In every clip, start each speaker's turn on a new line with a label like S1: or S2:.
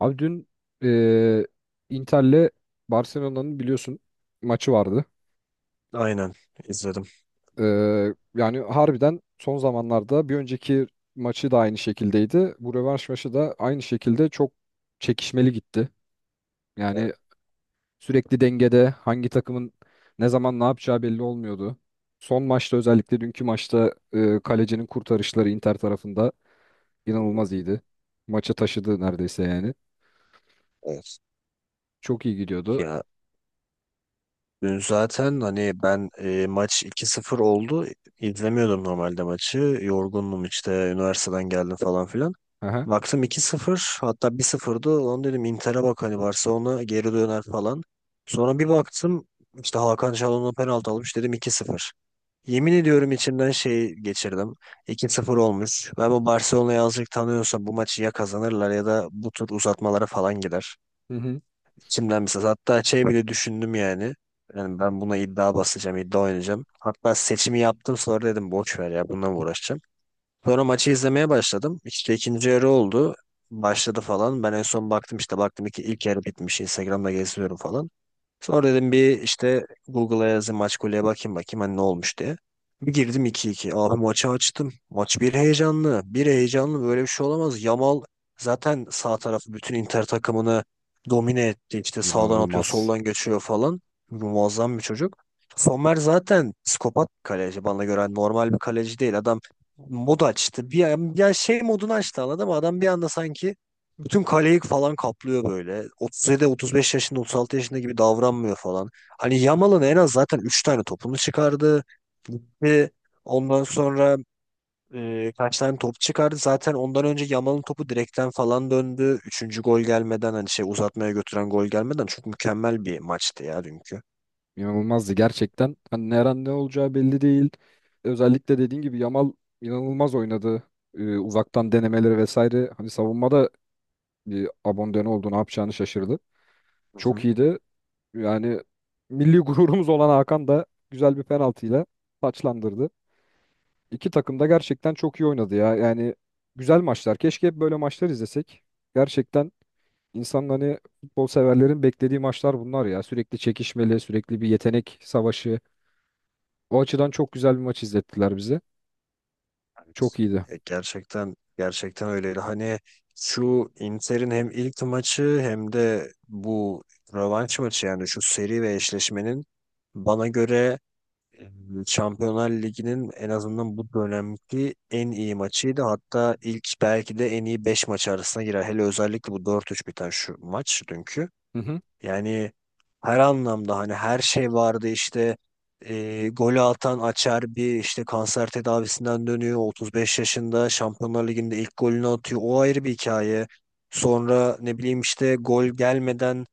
S1: Abi dün eee Inter'le Barcelona'nın biliyorsun maçı vardı.
S2: Aynen izledim.
S1: Yani harbiden son zamanlarda bir önceki maçı da aynı şekildeydi. Bu rövanş maçı da aynı şekilde çok çekişmeli gitti.
S2: Evet.
S1: Yani sürekli dengede hangi takımın ne zaman ne yapacağı belli olmuyordu. Son maçta özellikle dünkü maçta kalecinin kurtarışları Inter tarafında
S2: Hı hı.
S1: inanılmaz iyiydi. Maçı taşıdı neredeyse yani.
S2: Evet.
S1: Çok iyi gidiyordu.
S2: Ya dün zaten hani ben maç iki sıfır oldu. İzlemiyordum normalde maçı. Yorgundum işte, üniversiteden geldim falan filan.
S1: Aha.
S2: Baktım 2-0, hatta 1-0'dı. Onu dedim, Inter'e bak hani, Barcelona geri döner falan. Sonra bir baktım, işte Hakan Çalhanoğlu penaltı almış, dedim 2-0. Yemin ediyorum, içimden şey geçirdim. 2-0 olmuş. Ben bu Barcelona'yı azıcık tanıyorsam bu maçı ya kazanırlar ya da bu tur uzatmalara falan gider.
S1: Hı hı.
S2: İçimden bir ses. Hatta şey bile düşündüm yani. Yani ben buna iddia basacağım, iddia oynayacağım. Hatta seçimi yaptım, sonra dedim boş ver ya, bununla mı uğraşacağım. Sonra maçı izlemeye başladım. İşte ikinci yarı oldu. Başladı falan. Ben en son baktım, işte baktım ki ilk yarı bitmiş. Instagram'da geziyorum falan. Sonra dedim bir işte Google'a yazayım, maç golüye bakayım bakayım hani ne olmuş diye. Bir girdim 2-2. Abi maçı açtım. Maç bir heyecanlı. Bir heyecanlı, böyle bir şey olamaz. Yamal zaten sağ tarafı bütün Inter takımını domine etti. İşte sağdan atıyor,
S1: İnanılmaz.
S2: soldan geçiyor falan. Muazzam bir çocuk. Sommer zaten psikopat bir kaleci. Bana göre hani normal bir kaleci değil. Adam mod açtı. Bir, ya şey modunu açtı, anladın mı? Adam bir anda sanki bütün kaleyi falan kaplıyor böyle. 37, 35 yaşında, 36 yaşında gibi davranmıyor falan. Hani Yamal'ın en az zaten 3 tane topunu çıkardı. Gitti. Ondan sonra kaç tane top çıkardı. Zaten ondan önce Yamal'ın topu direkten falan döndü. Üçüncü gol gelmeden, hani şey uzatmaya götüren gol gelmeden, çok mükemmel bir maçtı ya dünkü.
S1: İnanılmazdı gerçekten. Hani her an ne olacağı belli değil. Özellikle dediğin gibi Yamal inanılmaz oynadı. Uzaktan denemeleri vesaire. Hani savunmada bir abonde ne oldu ne yapacağını şaşırdı. Çok
S2: Hı.
S1: iyiydi. Yani milli gururumuz olan Hakan da güzel bir penaltıyla taçlandırdı. İki takım da gerçekten çok iyi oynadı ya. Yani güzel maçlar. Keşke hep böyle maçlar izlesek. Gerçekten insanların hani futbol severlerin beklediği maçlar bunlar ya. Sürekli çekişmeli, sürekli bir yetenek savaşı. O açıdan çok güzel bir maç izlettiler bize. Çok
S2: Evet.
S1: iyiydi.
S2: E, gerçekten gerçekten öyleydi. Hani şu Inter'in hem ilk maçı hem de bu rövanş maçı, yani şu seri ve eşleşmenin bana göre e, Şampiyonlar Ligi'nin en azından bu dönemki en iyi maçıydı. Hatta ilk belki de en iyi 5 maç arasına girer. Hele özellikle bu 4-3 biten şu maç dünkü.
S1: Hı hı.
S2: Yani her anlamda hani her şey vardı işte, golü atan Açer bir işte kanser tedavisinden dönüyor, 35 yaşında Şampiyonlar Ligi'nde ilk golünü atıyor, o ayrı bir hikaye. Sonra ne bileyim işte gol gelmeden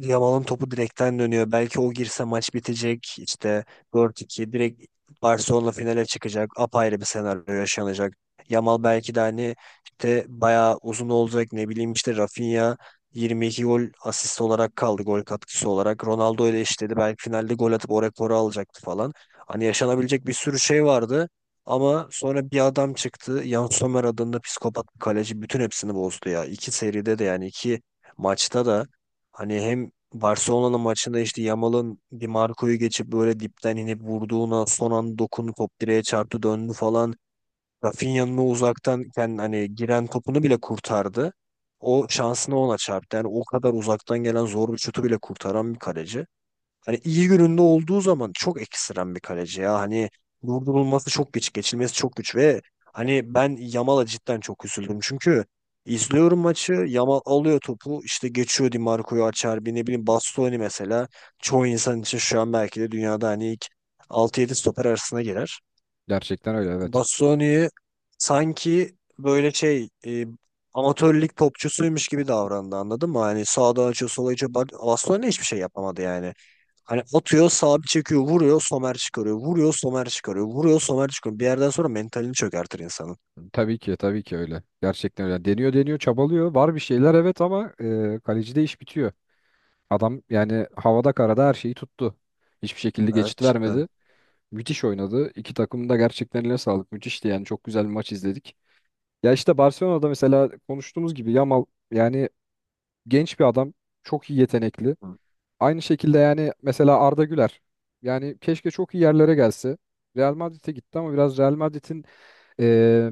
S2: Yamal'ın topu direkten dönüyor. Belki o girse maç bitecek. İşte 4-2 direkt Barcelona finale çıkacak. Apayrı bir senaryo yaşanacak. Yamal belki de hani işte bayağı uzun olacak. Ne bileyim işte Rafinha 22 gol asist olarak kaldı. Gol katkısı olarak. Ronaldo ile eşitledi. Belki finalde gol atıp o rekoru alacaktı falan. Hani yaşanabilecek bir sürü şey vardı. Ama sonra bir adam çıktı. Yann Sommer adında psikopat bir kaleci bütün hepsini bozdu ya. İki seride de, yani iki maçta da, hani hem Barcelona'nın maçında işte Yamal'ın Di Marco'yu geçip böyle dipten inip vurduğuna son an dokunup top direğe çarptı, döndü falan. Rafinha'nın o uzaktan kendi hani giren topunu bile kurtardı. O şansını ona çarptı. Yani o kadar uzaktan gelen zor bir şutu bile kurtaran bir kaleci. Hani iyi gününde olduğu zaman çok ekstrem bir kaleci ya. Hani durdurulması çok güç, geçilmesi çok güç ve hani ben Yamal'a cidden çok üzüldüm. Çünkü izliyorum maçı, Yamal alıyor topu, işte geçiyor Di Marco'yu, açar Acerbi, ne bileyim Bastoni mesela. Çoğu insan için şu an belki de dünyada hani ilk altı yedi stoper arasına girer.
S1: Gerçekten öyle evet.
S2: Bassoni'yi sanki böyle şey amatör lig topçusuymuş gibi davrandı, anladın mı? Hani sağdan açıyor, sola açıyor. Bak, Bassoni hiçbir şey yapamadı yani. Hani atıyor sağa, bir çekiyor vuruyor, somer çıkarıyor. Vuruyor, somer çıkarıyor. Vuruyor, somer çıkarıyor. Bir yerden sonra mentalini çökertir insanın.
S1: Tabii ki tabii ki öyle. Gerçekten öyle. Deniyor deniyor çabalıyor. Var bir şeyler evet ama kalecide iş bitiyor. Adam yani havada karada her şeyi tuttu. Hiçbir şekilde
S2: Evet,
S1: geçit
S2: cidden.
S1: vermedi. Müthiş oynadı. İki takım da gerçekten eline sağlık. Müthişti yani çok güzel bir maç izledik. Ya işte Barcelona'da mesela konuştuğumuz gibi Yamal yani genç bir adam. Çok iyi yetenekli.
S2: Hı.
S1: Aynı şekilde yani mesela Arda Güler. Yani keşke çok iyi yerlere gelse. Real Madrid'e gitti ama biraz Real Madrid'in e,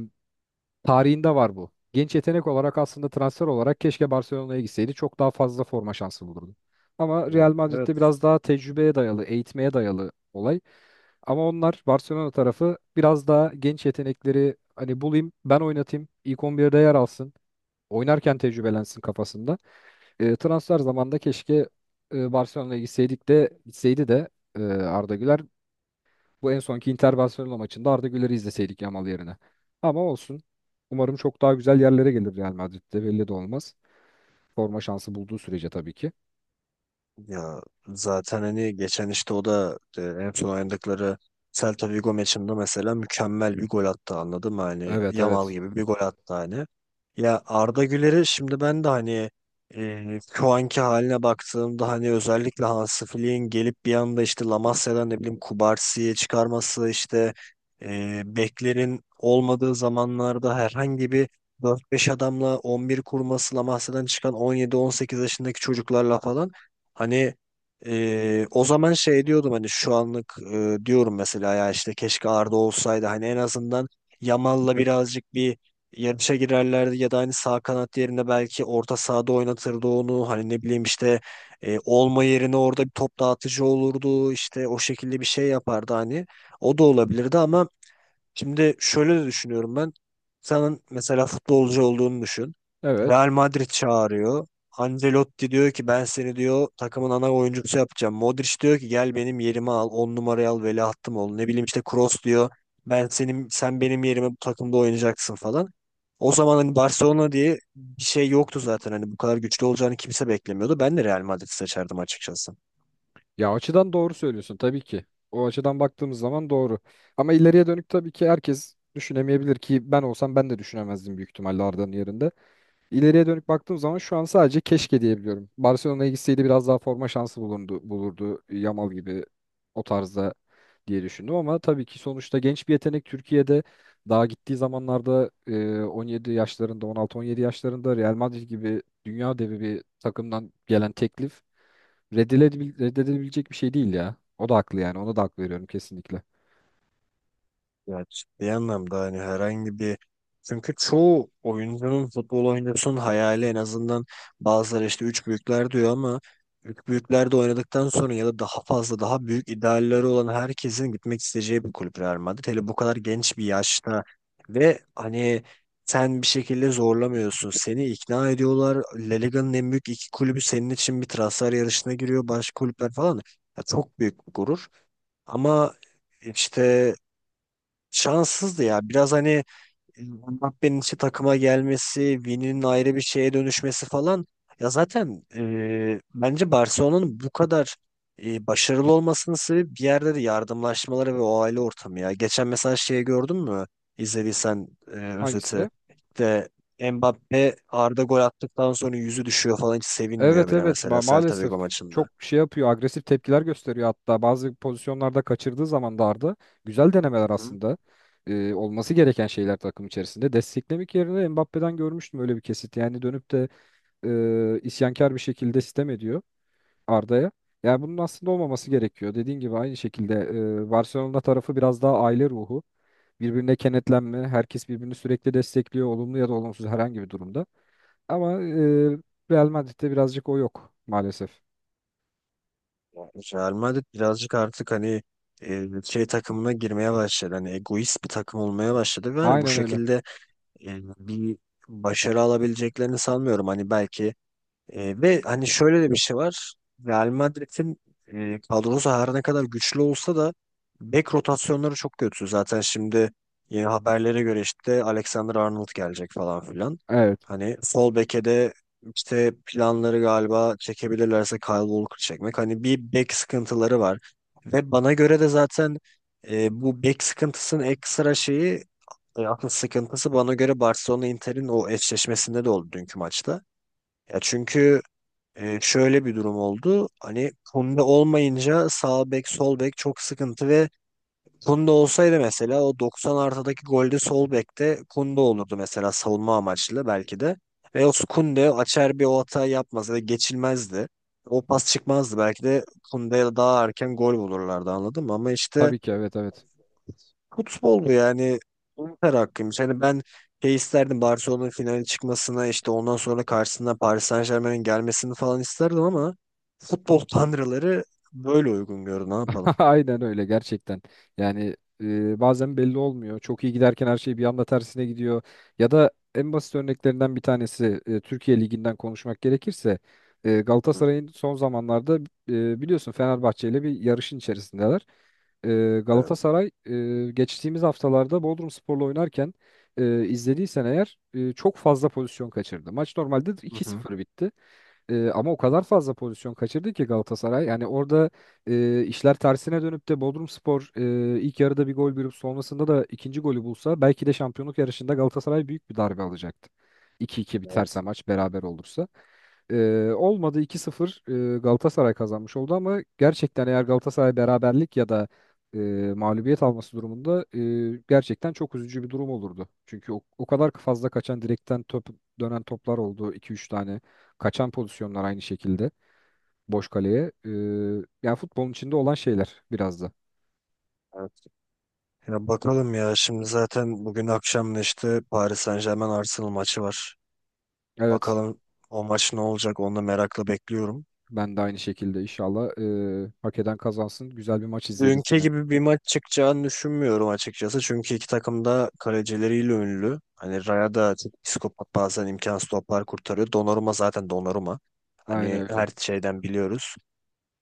S1: tarihinde var bu. Genç yetenek olarak aslında transfer olarak keşke Barcelona'ya gitseydi. Çok daha fazla forma şansı bulurdu. Ama Real Madrid'de
S2: Evet.
S1: biraz daha tecrübeye dayalı, eğitmeye dayalı olay. Ama onlar Barcelona tarafı biraz daha genç yetenekleri hani bulayım, ben oynatayım, ilk 11'de yer alsın, oynarken tecrübelensin kafasında transfer zamanında keşke Barcelona'ya gitseydi de Arda Güler bu en sonki Inter Barcelona maçında Arda Güler'i izleseydik Yamal yerine. Ama olsun. Umarım çok daha güzel yerlere gelir Real Madrid'de belli de olmaz. Forma şansı bulduğu sürece tabii ki.
S2: Ya zaten hani geçen işte o da en son oynadıkları Celta Vigo maçında mesela mükemmel bir gol attı, anladın mı? Hani
S1: Evet
S2: Yamal
S1: evet.
S2: gibi bir gol attı hani. Ya Arda Güler'i şimdi ben de hani, e, şu anki haline baktığımda hani, özellikle Hansi Flick'in gelip bir anda işte La Masia'dan ne bileyim Kubarsi'ye çıkarması işte, beklerin olmadığı zamanlarda herhangi bir dört beş adamla 11 kurması, La Masia'dan çıkan on yedi on sekiz yaşındaki çocuklarla falan. Hani o zaman şey diyordum, hani şu anlık diyorum mesela ya, işte keşke Arda olsaydı hani en azından Yamal'la birazcık bir yarışa girerlerdi, ya da hani sağ kanat yerine belki orta sahada oynatırdı onu, hani ne bileyim işte, olma yerine orada bir top dağıtıcı olurdu, işte o şekilde bir şey yapardı hani, o da olabilirdi ama... Şimdi şöyle de düşünüyorum ben. Senin mesela futbolcu olduğunu düşün.
S1: Evet.
S2: Real Madrid çağırıyor. Ancelotti diyor ki, ben seni diyor takımın ana oyuncusu yapacağım. Modric diyor ki, gel benim yerimi al, 10 numarayı al, veliahtım ol. Ne bileyim işte Kroos diyor, ben senin, sen benim yerime bu takımda oynayacaksın falan. O zaman hani Barcelona diye bir şey yoktu zaten. Hani bu kadar güçlü olacağını kimse beklemiyordu. Ben de Real Madrid seçerdim açıkçası.
S1: Ya açıdan doğru söylüyorsun tabii ki. O açıdan baktığımız zaman doğru. Ama ileriye dönük tabii ki herkes düşünemeyebilir ki ben olsam ben de düşünemezdim büyük ihtimalle Arda'nın yerinde. İleriye dönüp baktığım zaman şu an sadece keşke diyebiliyorum. Barcelona'ya gitseydi biraz daha forma şansı bulundu, bulurdu. Yamal gibi o tarzda diye düşündüm ama tabii ki sonuçta genç bir yetenek Türkiye'de daha gittiği zamanlarda 17 yaşlarında 16-17 yaşlarında Real Madrid gibi dünya devi bir takımdan gelen teklif reddedilebilecek bir şey değil ya. O da haklı yani ona da hak veriyorum kesinlikle.
S2: Ya ciddi anlamda hani herhangi bir, çünkü çoğu oyuncunun, futbol oyuncusunun hayali en azından, bazıları işte üç büyükler diyor ama, üç büyüklerde oynadıktan sonra ya da daha fazla, daha büyük idealleri olan herkesin gitmek isteyeceği bir kulüp Real Madrid. Hele bu kadar genç bir yaşta, ve hani sen bir şekilde zorlamıyorsun. Seni ikna ediyorlar. La Liga'nın en büyük iki kulübü senin için bir transfer yarışına giriyor. Başka kulüpler falan. Ya çok büyük bir gurur. Ama işte şanssızdı ya. Biraz hani Mbappe'nin işte takıma gelmesi, Vini'nin ayrı bir şeye dönüşmesi falan. Ya zaten bence Barcelona'nın bu kadar başarılı olmasının sebebi bir yerde de yardımlaşmaları ve o aile ortamı ya. Geçen mesela şeyi gördün mü? İzlediysen özeti.
S1: Hangisine?
S2: De Mbappe, Arda gol attıktan sonra yüzü düşüyor falan, hiç sevinmiyor
S1: Evet
S2: bile
S1: evet
S2: mesela
S1: ma-
S2: Celta
S1: maalesef
S2: Vigo maçında.
S1: çok şey yapıyor agresif tepkiler gösteriyor hatta bazı pozisyonlarda kaçırdığı zaman da Arda güzel denemeler
S2: Hı hı.
S1: aslında. Olması gereken şeyler takım içerisinde desteklemek yerine Mbappe'den görmüştüm öyle bir kesit yani dönüp de isyankar bir şekilde sitem ediyor Arda'ya yani bunun aslında olmaması gerekiyor dediğin gibi aynı şekilde Barcelona tarafı biraz daha aile ruhu birbirine kenetlenme herkes birbirini sürekli destekliyor olumlu ya da olumsuz herhangi bir durumda ama Real Madrid'de birazcık o yok maalesef.
S2: Yani Real Madrid birazcık artık hani şey takımına girmeye başladı. Hani egoist bir takım olmaya başladı ve hani bu
S1: Aynen öyle.
S2: şekilde bir başarı alabileceklerini sanmıyorum. Hani belki ve hani şöyle de bir şey var. Real Madrid'in kadrosu her ne kadar güçlü olsa da bek rotasyonları çok kötü. Zaten şimdi yeni haberlere göre işte Alexander Arnold gelecek falan filan.
S1: Evet.
S2: Hani sol beke de işte planları galiba çekebilirlerse Kyle Walker çekmek. Hani bir bek sıkıntıları var. Ve bana göre de zaten bu bek sıkıntısının ekstra şeyi, asıl sıkıntısı bana göre Barcelona Inter'in o eşleşmesinde de oldu dünkü maçta. Ya çünkü şöyle bir durum oldu. Hani Kunde olmayınca sağ bek sol bek çok sıkıntı ve Kunde olsaydı mesela o 90 artıdaki golde sol bekte Kunde olurdu mesela, savunma amaçlı belki de. Ve o Kunde açar, bir o hata yapmaz ve geçilmezdi. O pas çıkmazdı belki de, Kunde'ye daha erken gol bulurlardı, anladın mı? Ama işte
S1: Tabii ki evet evet.
S2: futbol yani, umutlar hakkıymış. Hani ben şey isterdim, Barcelona'nın finale çıkmasına işte, ondan sonra karşısına Paris Saint-Germain'in gelmesini falan isterdim ama futbol tanrıları böyle uygun gördü. Ne yapalım?
S1: Aynen öyle gerçekten. Yani bazen belli olmuyor. Çok iyi giderken her şey bir anda tersine gidiyor. Ya da en basit örneklerinden bir tanesi Türkiye Ligi'nden konuşmak gerekirse
S2: Hı.
S1: Galatasaray'ın son zamanlarda biliyorsun Fenerbahçe ile bir yarışın içerisindeler.
S2: Evet.
S1: Galatasaray geçtiğimiz haftalarda Bodrumspor'la oynarken izlediysen eğer çok fazla pozisyon kaçırdı. Maç normalde
S2: Hı
S1: iki
S2: hı.
S1: sıfır bitti. Ama o kadar fazla pozisyon kaçırdı ki Galatasaray. Yani orada işler tersine dönüp de Bodrumspor ilk yarıda bir gol bulup sonrasında da ikinci golü bulsa belki de şampiyonluk yarışında Galatasaray büyük bir darbe alacaktı. 2-2 biterse
S2: Evet.
S1: maç beraber olursa. Olmadı 2-0 Galatasaray kazanmış oldu ama gerçekten eğer Galatasaray beraberlik ya da e, mağlubiyet alması durumunda gerçekten çok üzücü bir durum olurdu. Çünkü o kadar fazla kaçan direkten top dönen toplar oldu iki üç tane. Kaçan pozisyonlar aynı şekilde boş kaleye. Yani futbolun içinde olan şeyler biraz da.
S2: Evet. Ya bakalım ya, şimdi zaten bugün akşam da işte Paris Saint-Germain Arsenal maçı var.
S1: Evet,
S2: Bakalım o maç ne olacak, onu da merakla bekliyorum.
S1: ben de aynı şekilde inşallah hak eden kazansın. Güzel bir maç izleriz
S2: Dünkü
S1: yine.
S2: gibi bir maç çıkacağını düşünmüyorum açıkçası. Çünkü iki takım da kalecileriyle ünlü. Hani Raya da çok psikopat, bazen imkansız toplar kurtarıyor. Donnarumma zaten Donnarumma.
S1: Aynen
S2: Hani
S1: öyle.
S2: her şeyden biliyoruz.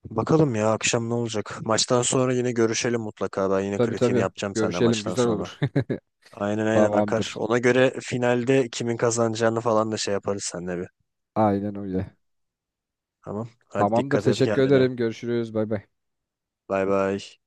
S2: Bakalım ya akşam ne olacak. Maçtan sonra yine görüşelim mutlaka. Ben yine
S1: Tabii
S2: kritiğini
S1: tabii.
S2: yapacağım senden
S1: Görüşelim,
S2: maçtan
S1: güzel
S2: sonra.
S1: olur.
S2: Aynen aynen akar.
S1: Tamamdır.
S2: Ona göre finalde kimin kazanacağını falan da şey yaparız seninle bir.
S1: Aynen öyle.
S2: Tamam. Hadi
S1: Tamamdır.
S2: dikkat et
S1: Teşekkür
S2: kendine.
S1: ederim. Görüşürüz. Bay bay.
S2: Bay bay.